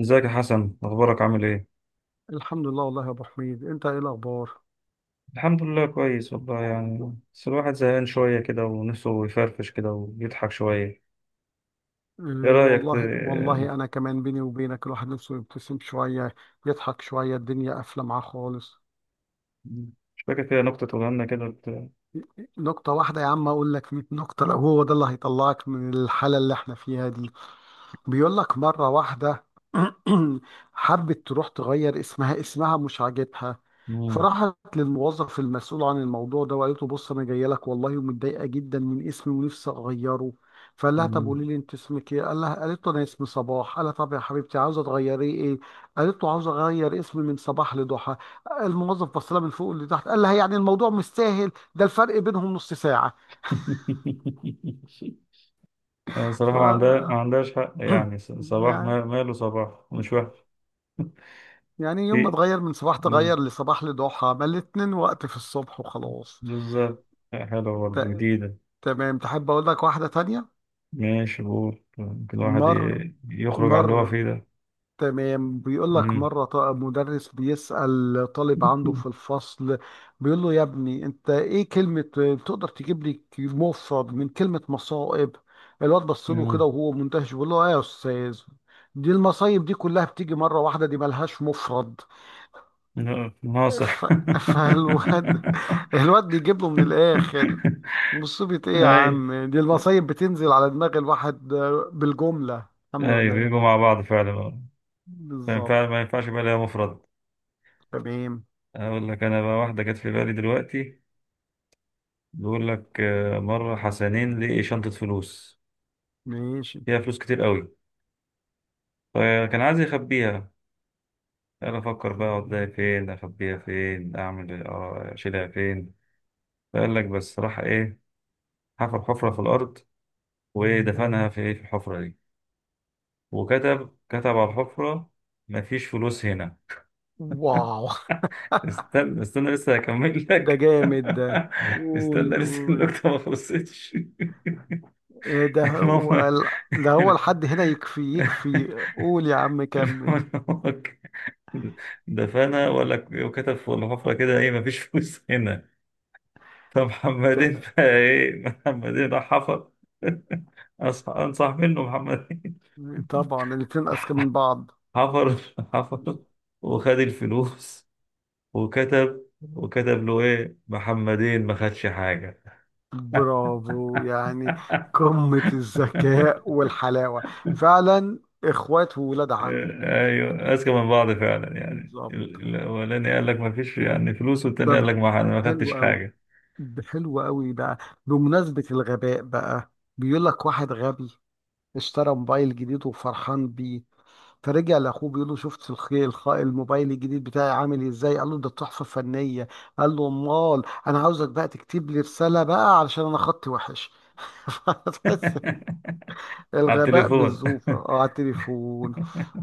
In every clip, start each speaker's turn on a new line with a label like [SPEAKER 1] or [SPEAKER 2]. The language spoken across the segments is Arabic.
[SPEAKER 1] ازيك يا حسن؟ اخبارك؟ عامل ايه؟
[SPEAKER 2] الحمد لله والله يا ابو حميد، انت ايه الاخبار؟
[SPEAKER 1] الحمد لله، كويس والله. يعني بس الواحد زهقان شويه كده، ونفسه يفرفش كده ويضحك شويه. ايه
[SPEAKER 2] آه.
[SPEAKER 1] رايك
[SPEAKER 2] والله والله انا كمان، بيني وبينك، الواحد نفسه يبتسم شويه، يضحك شويه، الدنيا قافله معاه خالص.
[SPEAKER 1] مش فاكر كده نكته تقولها لنا كده؟
[SPEAKER 2] نكته واحده يا عم؟ اقول لك 100 نكته لو هو ده اللي هيطلعك من الحاله اللي احنا فيها دي. بيقول لك مرة واحدة حبت تروح تغير اسمها، اسمها مش عاجبها.
[SPEAKER 1] مم.
[SPEAKER 2] فراحت للموظف المسؤول عن الموضوع ده وقالت له بص انا جايه لك والله ومتضايقه جدا من اسمي ونفسي اغيره. فقال لها طب قولي
[SPEAKER 1] مم.
[SPEAKER 2] لي انت اسمك ايه؟ قالت له انا اسمي صباح. قال لها طب يا حبيبتي عاوزه تغيري ايه؟ قالت له عاوزه اغير اسمي من صباح لضحى. الموظف بص لها من فوق لتحت قال لها يعني الموضوع مش سهل، ده الفرق بينهم نص ساعه.
[SPEAKER 1] أنا
[SPEAKER 2] ف
[SPEAKER 1] صراحه ما عندهاش حق. يعني صباح،
[SPEAKER 2] يعني
[SPEAKER 1] ماله صباح؟ مش وحش.
[SPEAKER 2] يعني يوم ما
[SPEAKER 1] في.
[SPEAKER 2] اتغير من صباح،
[SPEAKER 1] مم.
[SPEAKER 2] تغير لصباح لضحى، ما الاتنين وقت في الصبح وخلاص.
[SPEAKER 1] بالظبط، حلوه برضه،
[SPEAKER 2] ت-
[SPEAKER 1] جديده.
[SPEAKER 2] تمام، تحب اقول لك واحدة تانية؟
[SPEAKER 1] ماشي قول، يمكن الواحد
[SPEAKER 2] مر
[SPEAKER 1] يخرج عن اللي هو
[SPEAKER 2] مر
[SPEAKER 1] فيه ده.
[SPEAKER 2] تمام. بيقول لك
[SPEAKER 1] مم.
[SPEAKER 2] مرة مدرس بيسأل طالب عنده في الفصل. بيقول له يا ابني انت ايه كلمة تقدر تجيب لي مفرد من كلمة مصائب؟ الواد بص له كده
[SPEAKER 1] مم.
[SPEAKER 2] وهو مندهش بيقول له ايه يا استاذ، دي المصايب دي كلها بتيجي مرة واحدة دي ملهاش مفرد.
[SPEAKER 1] لا،
[SPEAKER 2] ف...
[SPEAKER 1] ناصح.
[SPEAKER 2] فالواد بيجيب له من الاخر، مصيبة ايه يا
[SPEAKER 1] اي،
[SPEAKER 2] عم دي المصايب بتنزل على دماغ الواحد بالجملة الحمد
[SPEAKER 1] اي،
[SPEAKER 2] لله.
[SPEAKER 1] بيجوا مع بعض فعلا. آه. فعلا
[SPEAKER 2] بالظبط.
[SPEAKER 1] فعلا، ما ينفعش يبقى ليها مفرد.
[SPEAKER 2] تمام.
[SPEAKER 1] اقول لك انا بقى واحده جت في بالي دلوقتي. بيقول لك، مره حسنين لقي شنطه فلوس،
[SPEAKER 2] ماشي.
[SPEAKER 1] فيها فلوس كتير قوي، فكان عايز يخبيها. قال: افكر بقى اوديها فين، اخبيها فين، اعمل اشيلها فين. فقال لك بس راح ايه؟ حفر حفره في الارض، ودفنها في الحفره دي، وكتب على الحفرة: مفيش فلوس هنا.
[SPEAKER 2] واو.
[SPEAKER 1] استنى استنى، لسه هكمل
[SPEAKER 2] ده
[SPEAKER 1] لك.
[SPEAKER 2] جامد ده. قول
[SPEAKER 1] استنى، لسه
[SPEAKER 2] قول.
[SPEAKER 1] النكتة ما خلصتش.
[SPEAKER 2] إيه ده؟
[SPEAKER 1] المهم،
[SPEAKER 2] هو ده هو،
[SPEAKER 1] المهم
[SPEAKER 2] لحد هنا يكفي يكفي، قول يا عم
[SPEAKER 1] إن
[SPEAKER 2] كمل.
[SPEAKER 1] هو دفنها، ولا وكتب في الحفرة كده ايه: مفيش فلوس هنا. فمحمدين
[SPEAKER 2] ت-
[SPEAKER 1] بقى، ايه؟ محمدين راح حفر. انصح منه محمدين.
[SPEAKER 2] طبعا الاتنين اذكى من بعض.
[SPEAKER 1] حفر، حفر، وخد الفلوس، وكتب، وكتب له ايه: محمدين ما خدش حاجة.
[SPEAKER 2] برافو يعني، قمة الذكاء والحلاوة، فعلا، اخوات وولاد عم.
[SPEAKER 1] ايوه، اذكى من بعض فعلا. يعني
[SPEAKER 2] بالظبط.
[SPEAKER 1] الاولاني قال لك: ما فيش يعني فلوس، والتاني قال
[SPEAKER 2] طب
[SPEAKER 1] لك: ما انا ما
[SPEAKER 2] حلو
[SPEAKER 1] خدتش
[SPEAKER 2] قوي.
[SPEAKER 1] حاجة.
[SPEAKER 2] حلو قوي بقى. بمناسبة الغباء بقى، بيقول لك واحد غبي اشترى موبايل جديد وفرحان بيه. فرجع لاخوه بيقول له شفت الموبايل الجديد بتاعي عامل ازاي؟ قال له ده تحفة فنية. قال له امال انا عاوزك بقى تكتب لي رسالة بقى علشان انا خطي وحش.
[SPEAKER 1] على
[SPEAKER 2] الغباء
[SPEAKER 1] التليفون.
[SPEAKER 2] بالزوفة، اه، على التليفون.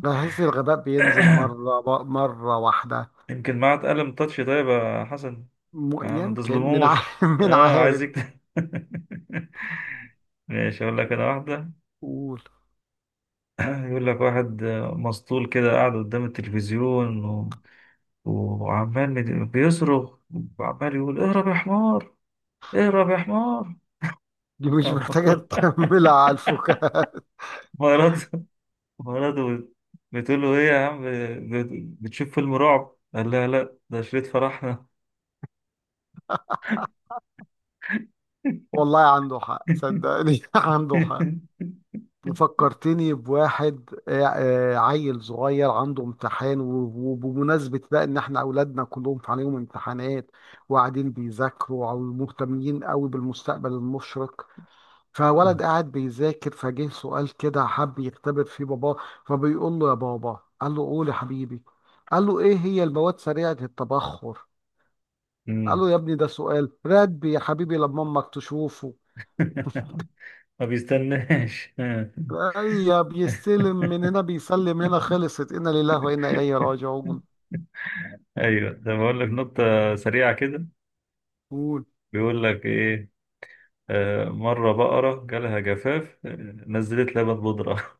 [SPEAKER 2] بحس الغباء بينزل مرة واحدة.
[SPEAKER 1] يمكن معاه قلم تاتش. طيب يا حسن، ما
[SPEAKER 2] يمكن
[SPEAKER 1] تظلموش.
[SPEAKER 2] من
[SPEAKER 1] اه، عايز
[SPEAKER 2] عارف.
[SPEAKER 1] يكتب. ماشي، اقول لك انا واحدة.
[SPEAKER 2] قول.
[SPEAKER 1] يقول لك واحد مسطول كده، قاعد قدام التلفزيون، وعمال بيصرخ، وعمال يقول: اهرب يا حمار، اهرب يا حمار.
[SPEAKER 2] دي مش محتاجة تكملها على الفكاهة.
[SPEAKER 1] مراته، مراته بتقول له: ايه يا عم، بتشوف فيلم رعب؟ قال لها: لا، ده شريط فرحنا.
[SPEAKER 2] والله عنده حق صدقني عنده حق. فكرتني بواحد، عيل صغير عنده امتحان و- وبمناسبة بقى ان احنا اولادنا كلهم عليهم امتحانات وقاعدين بيذاكروا او مهتمين قوي بالمستقبل المشرق. فولد قاعد بيذاكر فجه سؤال كده حب يختبر فيه باباه. فبيقول له يا بابا. قال له قول يا حبيبي. قال له ايه هي المواد سريعة التبخر؟ قال
[SPEAKER 1] مم.
[SPEAKER 2] له يا ابني ده سؤال رتبي يا حبيبي لما امك تشوفه.
[SPEAKER 1] ما بيستناش.
[SPEAKER 2] اي بيستلم من هنا بيسلم هنا، خلصت، انا لله وانا اليه راجعون.
[SPEAKER 1] ايوه، ده بقول لك نقطة سريعة كده.
[SPEAKER 2] قول.
[SPEAKER 1] بيقول لك ايه، مرة بقرة جالها جفاف، نزلت لبن بودرة.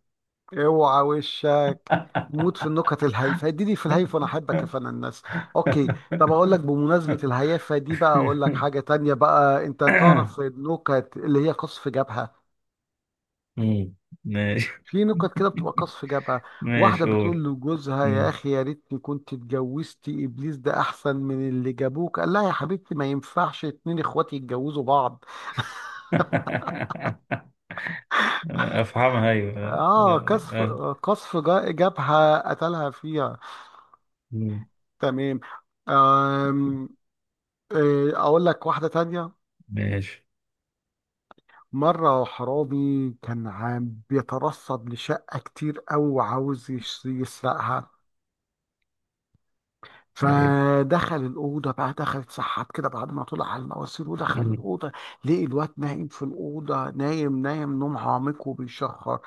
[SPEAKER 2] اوعى وشك، موت في النكت الهايفه، اديني في الهايف وانا احبك يا فن الناس. اوكي. طب اقول لك بمناسبه الهيافه دي بقى، اقول لك حاجه تانية بقى. انت تعرف النكت اللي هي قصف جبهه؟
[SPEAKER 1] مم. ماشي،
[SPEAKER 2] في نكت كده بتبقى قصف جبهه. واحده
[SPEAKER 1] ماشي
[SPEAKER 2] بتقول
[SPEAKER 1] قول.
[SPEAKER 2] لجوزها يا
[SPEAKER 1] مم.
[SPEAKER 2] اخي يا ريتني كنت اتجوزتي ابليس ده احسن من اللي جابوك. قال لها يا حبيبتي ما ينفعش اتنين اخواتي يتجوزوا بعض.
[SPEAKER 1] افهمها، ايوه.
[SPEAKER 2] اه
[SPEAKER 1] آه.
[SPEAKER 2] قصف،
[SPEAKER 1] آه.
[SPEAKER 2] قصف جبهه، قتلها فيها.
[SPEAKER 1] مم.
[SPEAKER 2] تمام. آم. إيه، اقول لك واحده تانية.
[SPEAKER 1] ماشي.
[SPEAKER 2] مره حرامي كان عام بيترصد لشقه كتير قوي وعاوز يسرقها.
[SPEAKER 1] ايوه.
[SPEAKER 2] فدخل الاوضه بقى، دخل اتسحب كده بعد ما طلع على المواسير ودخل
[SPEAKER 1] مم.
[SPEAKER 2] الاوضه. لقي الواد نايم في الاوضه، نايم نايم نوم عميق وبيشخر.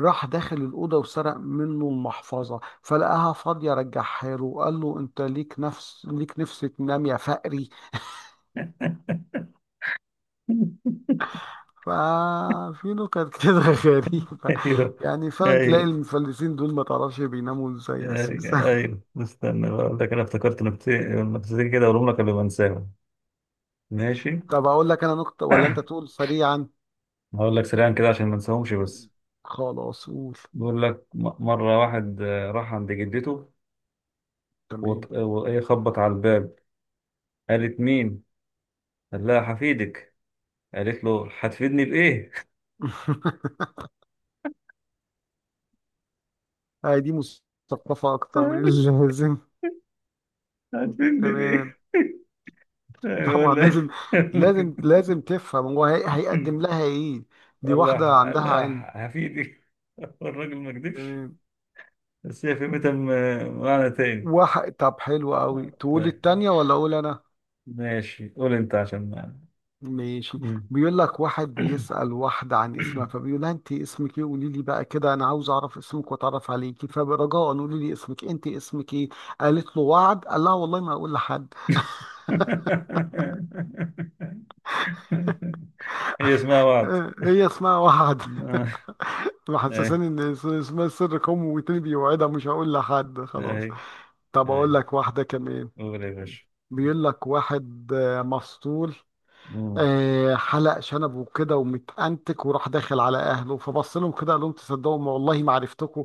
[SPEAKER 2] راح داخل الاوضه وسرق منه المحفظه فلقاها فاضيه، رجعها له وقال له انت ليك نفس ليك نفس تنام يا فقري. ففي نكت كده غريبة،
[SPEAKER 1] ايوه،
[SPEAKER 2] يعني فعلا تلاقي
[SPEAKER 1] ايوه،
[SPEAKER 2] المفلسين دول ما تعرفش بيناموا ازاي
[SPEAKER 1] ايوه،
[SPEAKER 2] اساسا.
[SPEAKER 1] ايوه، استنى بقى اقول لك انا، افتكرت نكتتين، نكتتين كده اقولهم لك قبل ما انساهم. ماشي.
[SPEAKER 2] طب اقول لك انا نكتة ولا انت تقول سريعا؟
[SPEAKER 1] هقول لك سريعا كده عشان ما انساهمش بس.
[SPEAKER 2] خلاص قول.
[SPEAKER 1] بيقول لك مرة واحد، راح عند جدته،
[SPEAKER 2] تمام.
[SPEAKER 1] وط- وإيه خبط على الباب. قالت: مين؟ لا، هفيدك. قالت له: هتفيدني بإيه؟
[SPEAKER 2] هاي دي مثقفة اكتر من اللازم.
[SPEAKER 1] هتفيدني بإيه؟
[SPEAKER 2] تمام. طبعا
[SPEAKER 1] يقول لها،
[SPEAKER 2] لازم لازم لازم تفهم هو هيقدم لها ايه. دي واحدة
[SPEAKER 1] قال
[SPEAKER 2] عندها علم.
[SPEAKER 1] لها: هفيدك. الراجل ما كدبش،
[SPEAKER 2] تمام.
[SPEAKER 1] بس هي فهمتها معنى تاني.
[SPEAKER 2] واحد طب حلو قوي،
[SPEAKER 1] آه،
[SPEAKER 2] تقول
[SPEAKER 1] طيب،
[SPEAKER 2] التانية ولا اقول انا؟
[SPEAKER 1] ماشي قول انت عشان ما.
[SPEAKER 2] ماشي. بيقول لك واحد بيسأل واحدة عن اسمها. فبيقول لها انت اسمك ايه، قولي لي بقى كده انا عاوز اعرف اسمك واتعرف عليكي، فرجاء قولي لي اسمك، انت اسمك ايه؟ قالت له وعد. قال لها والله ما اقول لحد.
[SPEAKER 1] هي اسمها وعد.
[SPEAKER 2] هي اسمها وعد.
[SPEAKER 1] آه. اي،
[SPEAKER 2] محسساني ان اسمها سر قومي وتاني بيوعدها مش هقول لحد
[SPEAKER 1] اي،
[SPEAKER 2] خلاص. طب
[SPEAKER 1] اي،
[SPEAKER 2] اقول لك واحدة كمان.
[SPEAKER 1] قول يا باشا.
[SPEAKER 2] بيقول لك واحد، مسطول،
[SPEAKER 1] مم.
[SPEAKER 2] حلق شنبه وكده ومتأنتك وراح داخل على اهله، فبص لهم كده قال لهم تصدقوا ما والله ما عرفتكم.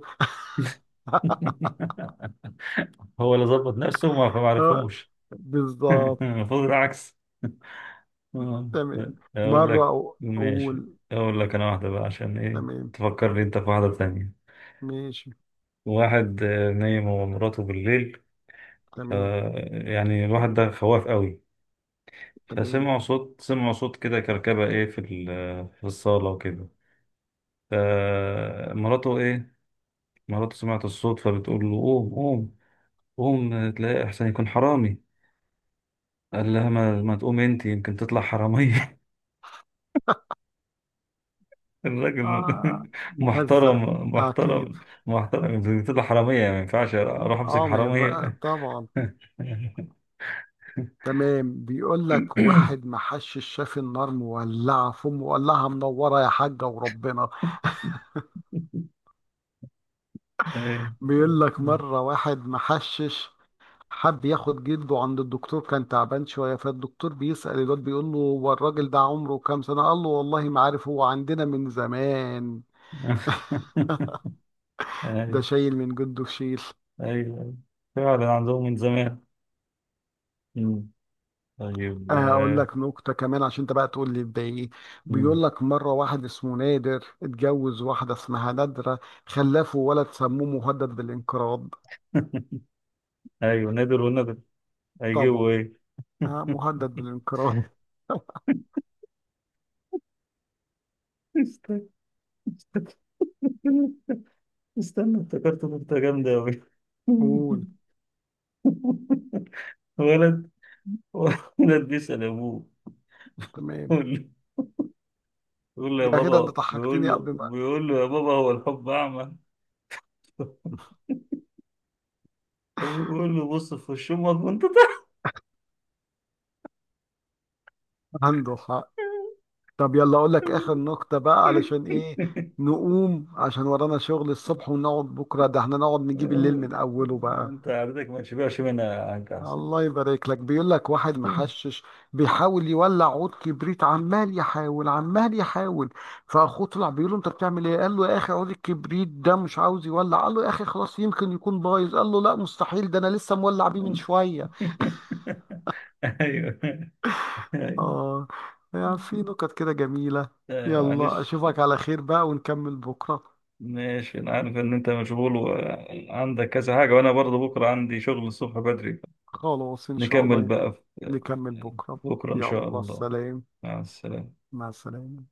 [SPEAKER 1] هو اللي ظبط نفسه وما ما
[SPEAKER 2] آه،
[SPEAKER 1] عرفهمش.
[SPEAKER 2] بالظبط.
[SPEAKER 1] المفروض العكس. آه،
[SPEAKER 2] تمام.
[SPEAKER 1] اقول
[SPEAKER 2] مرة
[SPEAKER 1] لك، ماشي،
[SPEAKER 2] أقول.
[SPEAKER 1] اقول لك انا واحده بقى، عشان ايه
[SPEAKER 2] تمام.
[SPEAKER 1] تفكرني انت في واحده تانية.
[SPEAKER 2] ماشي.
[SPEAKER 1] واحد نايم هو ومراته بالليل، ف
[SPEAKER 2] تمام.
[SPEAKER 1] يعني الواحد ده خواف قوي.
[SPEAKER 2] تمام.
[SPEAKER 1] فسمعوا صوت، سمعوا صوت كده، كركبه في في الصاله وكده. فمراته مراته سمعت الصوت، فبتقول له: قوم قوم، قوم تلاقي احسن يكون حرامي. قال لها: ما تقوم انت، يمكن تطلع حراميه. الراجل،
[SPEAKER 2] آه، مهزأ.
[SPEAKER 1] محترم
[SPEAKER 2] أكيد.
[SPEAKER 1] محترم. محترم، طلع حرامية، يعني ما ينفعش أروح أمسك
[SPEAKER 2] آه، ما ينفع
[SPEAKER 1] حرامية.
[SPEAKER 2] طبعا. تمام. بيقول لك واحد ما حشش شاف النار مولعة، مولعة، منورة يا حاجة وربنا.
[SPEAKER 1] أيوة،
[SPEAKER 2] بيقول لك مرة واحد ما حشش حب ياخد جلده عند الدكتور كان تعبان شوية. فالدكتور بيسأل الواد بيقول له هو الراجل ده عمره كام سنة؟ قال له والله ما عارف هو عندنا من زمان.
[SPEAKER 1] أيوة،
[SPEAKER 2] ده شايل من جده في شيل.
[SPEAKER 1] أيوة. فعلا عندهم من زمان. مم. طيب.
[SPEAKER 2] اقول
[SPEAKER 1] آه.
[SPEAKER 2] لك نكته كمان عشان انت بقى تقول لي ده ايه.
[SPEAKER 1] مم.
[SPEAKER 2] بيقول لك مره واحد اسمه نادر اتجوز واحده اسمها نادره، خلفه ولد سموه مهدد بالانقراض.
[SPEAKER 1] أيوة، نادر ونادر، هيجيبوا
[SPEAKER 2] طبعا.
[SPEAKER 1] إيه؟
[SPEAKER 2] آه، مهدد بالانقراض.
[SPEAKER 1] استنى، استنى، افتكرت نكتة جامدة أوي.
[SPEAKER 2] قول.
[SPEAKER 1] ولد، ولد بيسأل أبوه،
[SPEAKER 2] تمام.
[SPEAKER 1] بيقول له: يا
[SPEAKER 2] يا غدا انت
[SPEAKER 1] بابا،
[SPEAKER 2] ضحكتني قبل ما
[SPEAKER 1] بيقول له: يا بابا، هو الحب أعمى؟ بيقول له: بص في وش أمك وأنت طالع.
[SPEAKER 2] هندخ طب يلا اقول لك اخر نقطة بقى، علشان ايه، نقوم عشان ورانا شغل الصبح ونقعد بكرة، ده احنا نقعد نجيب الليل
[SPEAKER 1] يلا،
[SPEAKER 2] من اوله بقى.
[SPEAKER 1] أنت عادتك ما تشبعش منها، عنك أحسن.
[SPEAKER 2] الله يبارك لك. بيقول لك واحد محشش بيحاول يولع عود كبريت، عمال يحاول عمال يحاول. فاخوه طلع بيقول له انت بتعمل ايه؟ قال له يا اخي عود الكبريت ده مش عاوز يولع. قال له يا اخي خلاص يمكن يكون بايظ. قال له لا مستحيل ده انا لسه مولع بيه من شوية.
[SPEAKER 1] أيوه، أيوه،
[SPEAKER 2] اه. يعني في نكت كده جميلة.
[SPEAKER 1] أيوه،
[SPEAKER 2] يلا
[SPEAKER 1] معلش.
[SPEAKER 2] اشوفك على خير بقى ونكمل بكرة.
[SPEAKER 1] ماشي، أنا عارف إن أنت مشغول وعندك كذا حاجة، وأنا برضه بكرة عندي شغل الصبح بدري.
[SPEAKER 2] خلاص إن شاء
[SPEAKER 1] نكمل
[SPEAKER 2] الله.
[SPEAKER 1] بقى. في-
[SPEAKER 2] نكمل بكرة.
[SPEAKER 1] بكرة إن شاء
[SPEAKER 2] يلا
[SPEAKER 1] الله.
[SPEAKER 2] سلام.
[SPEAKER 1] مع السلامة.
[SPEAKER 2] مع السلامة.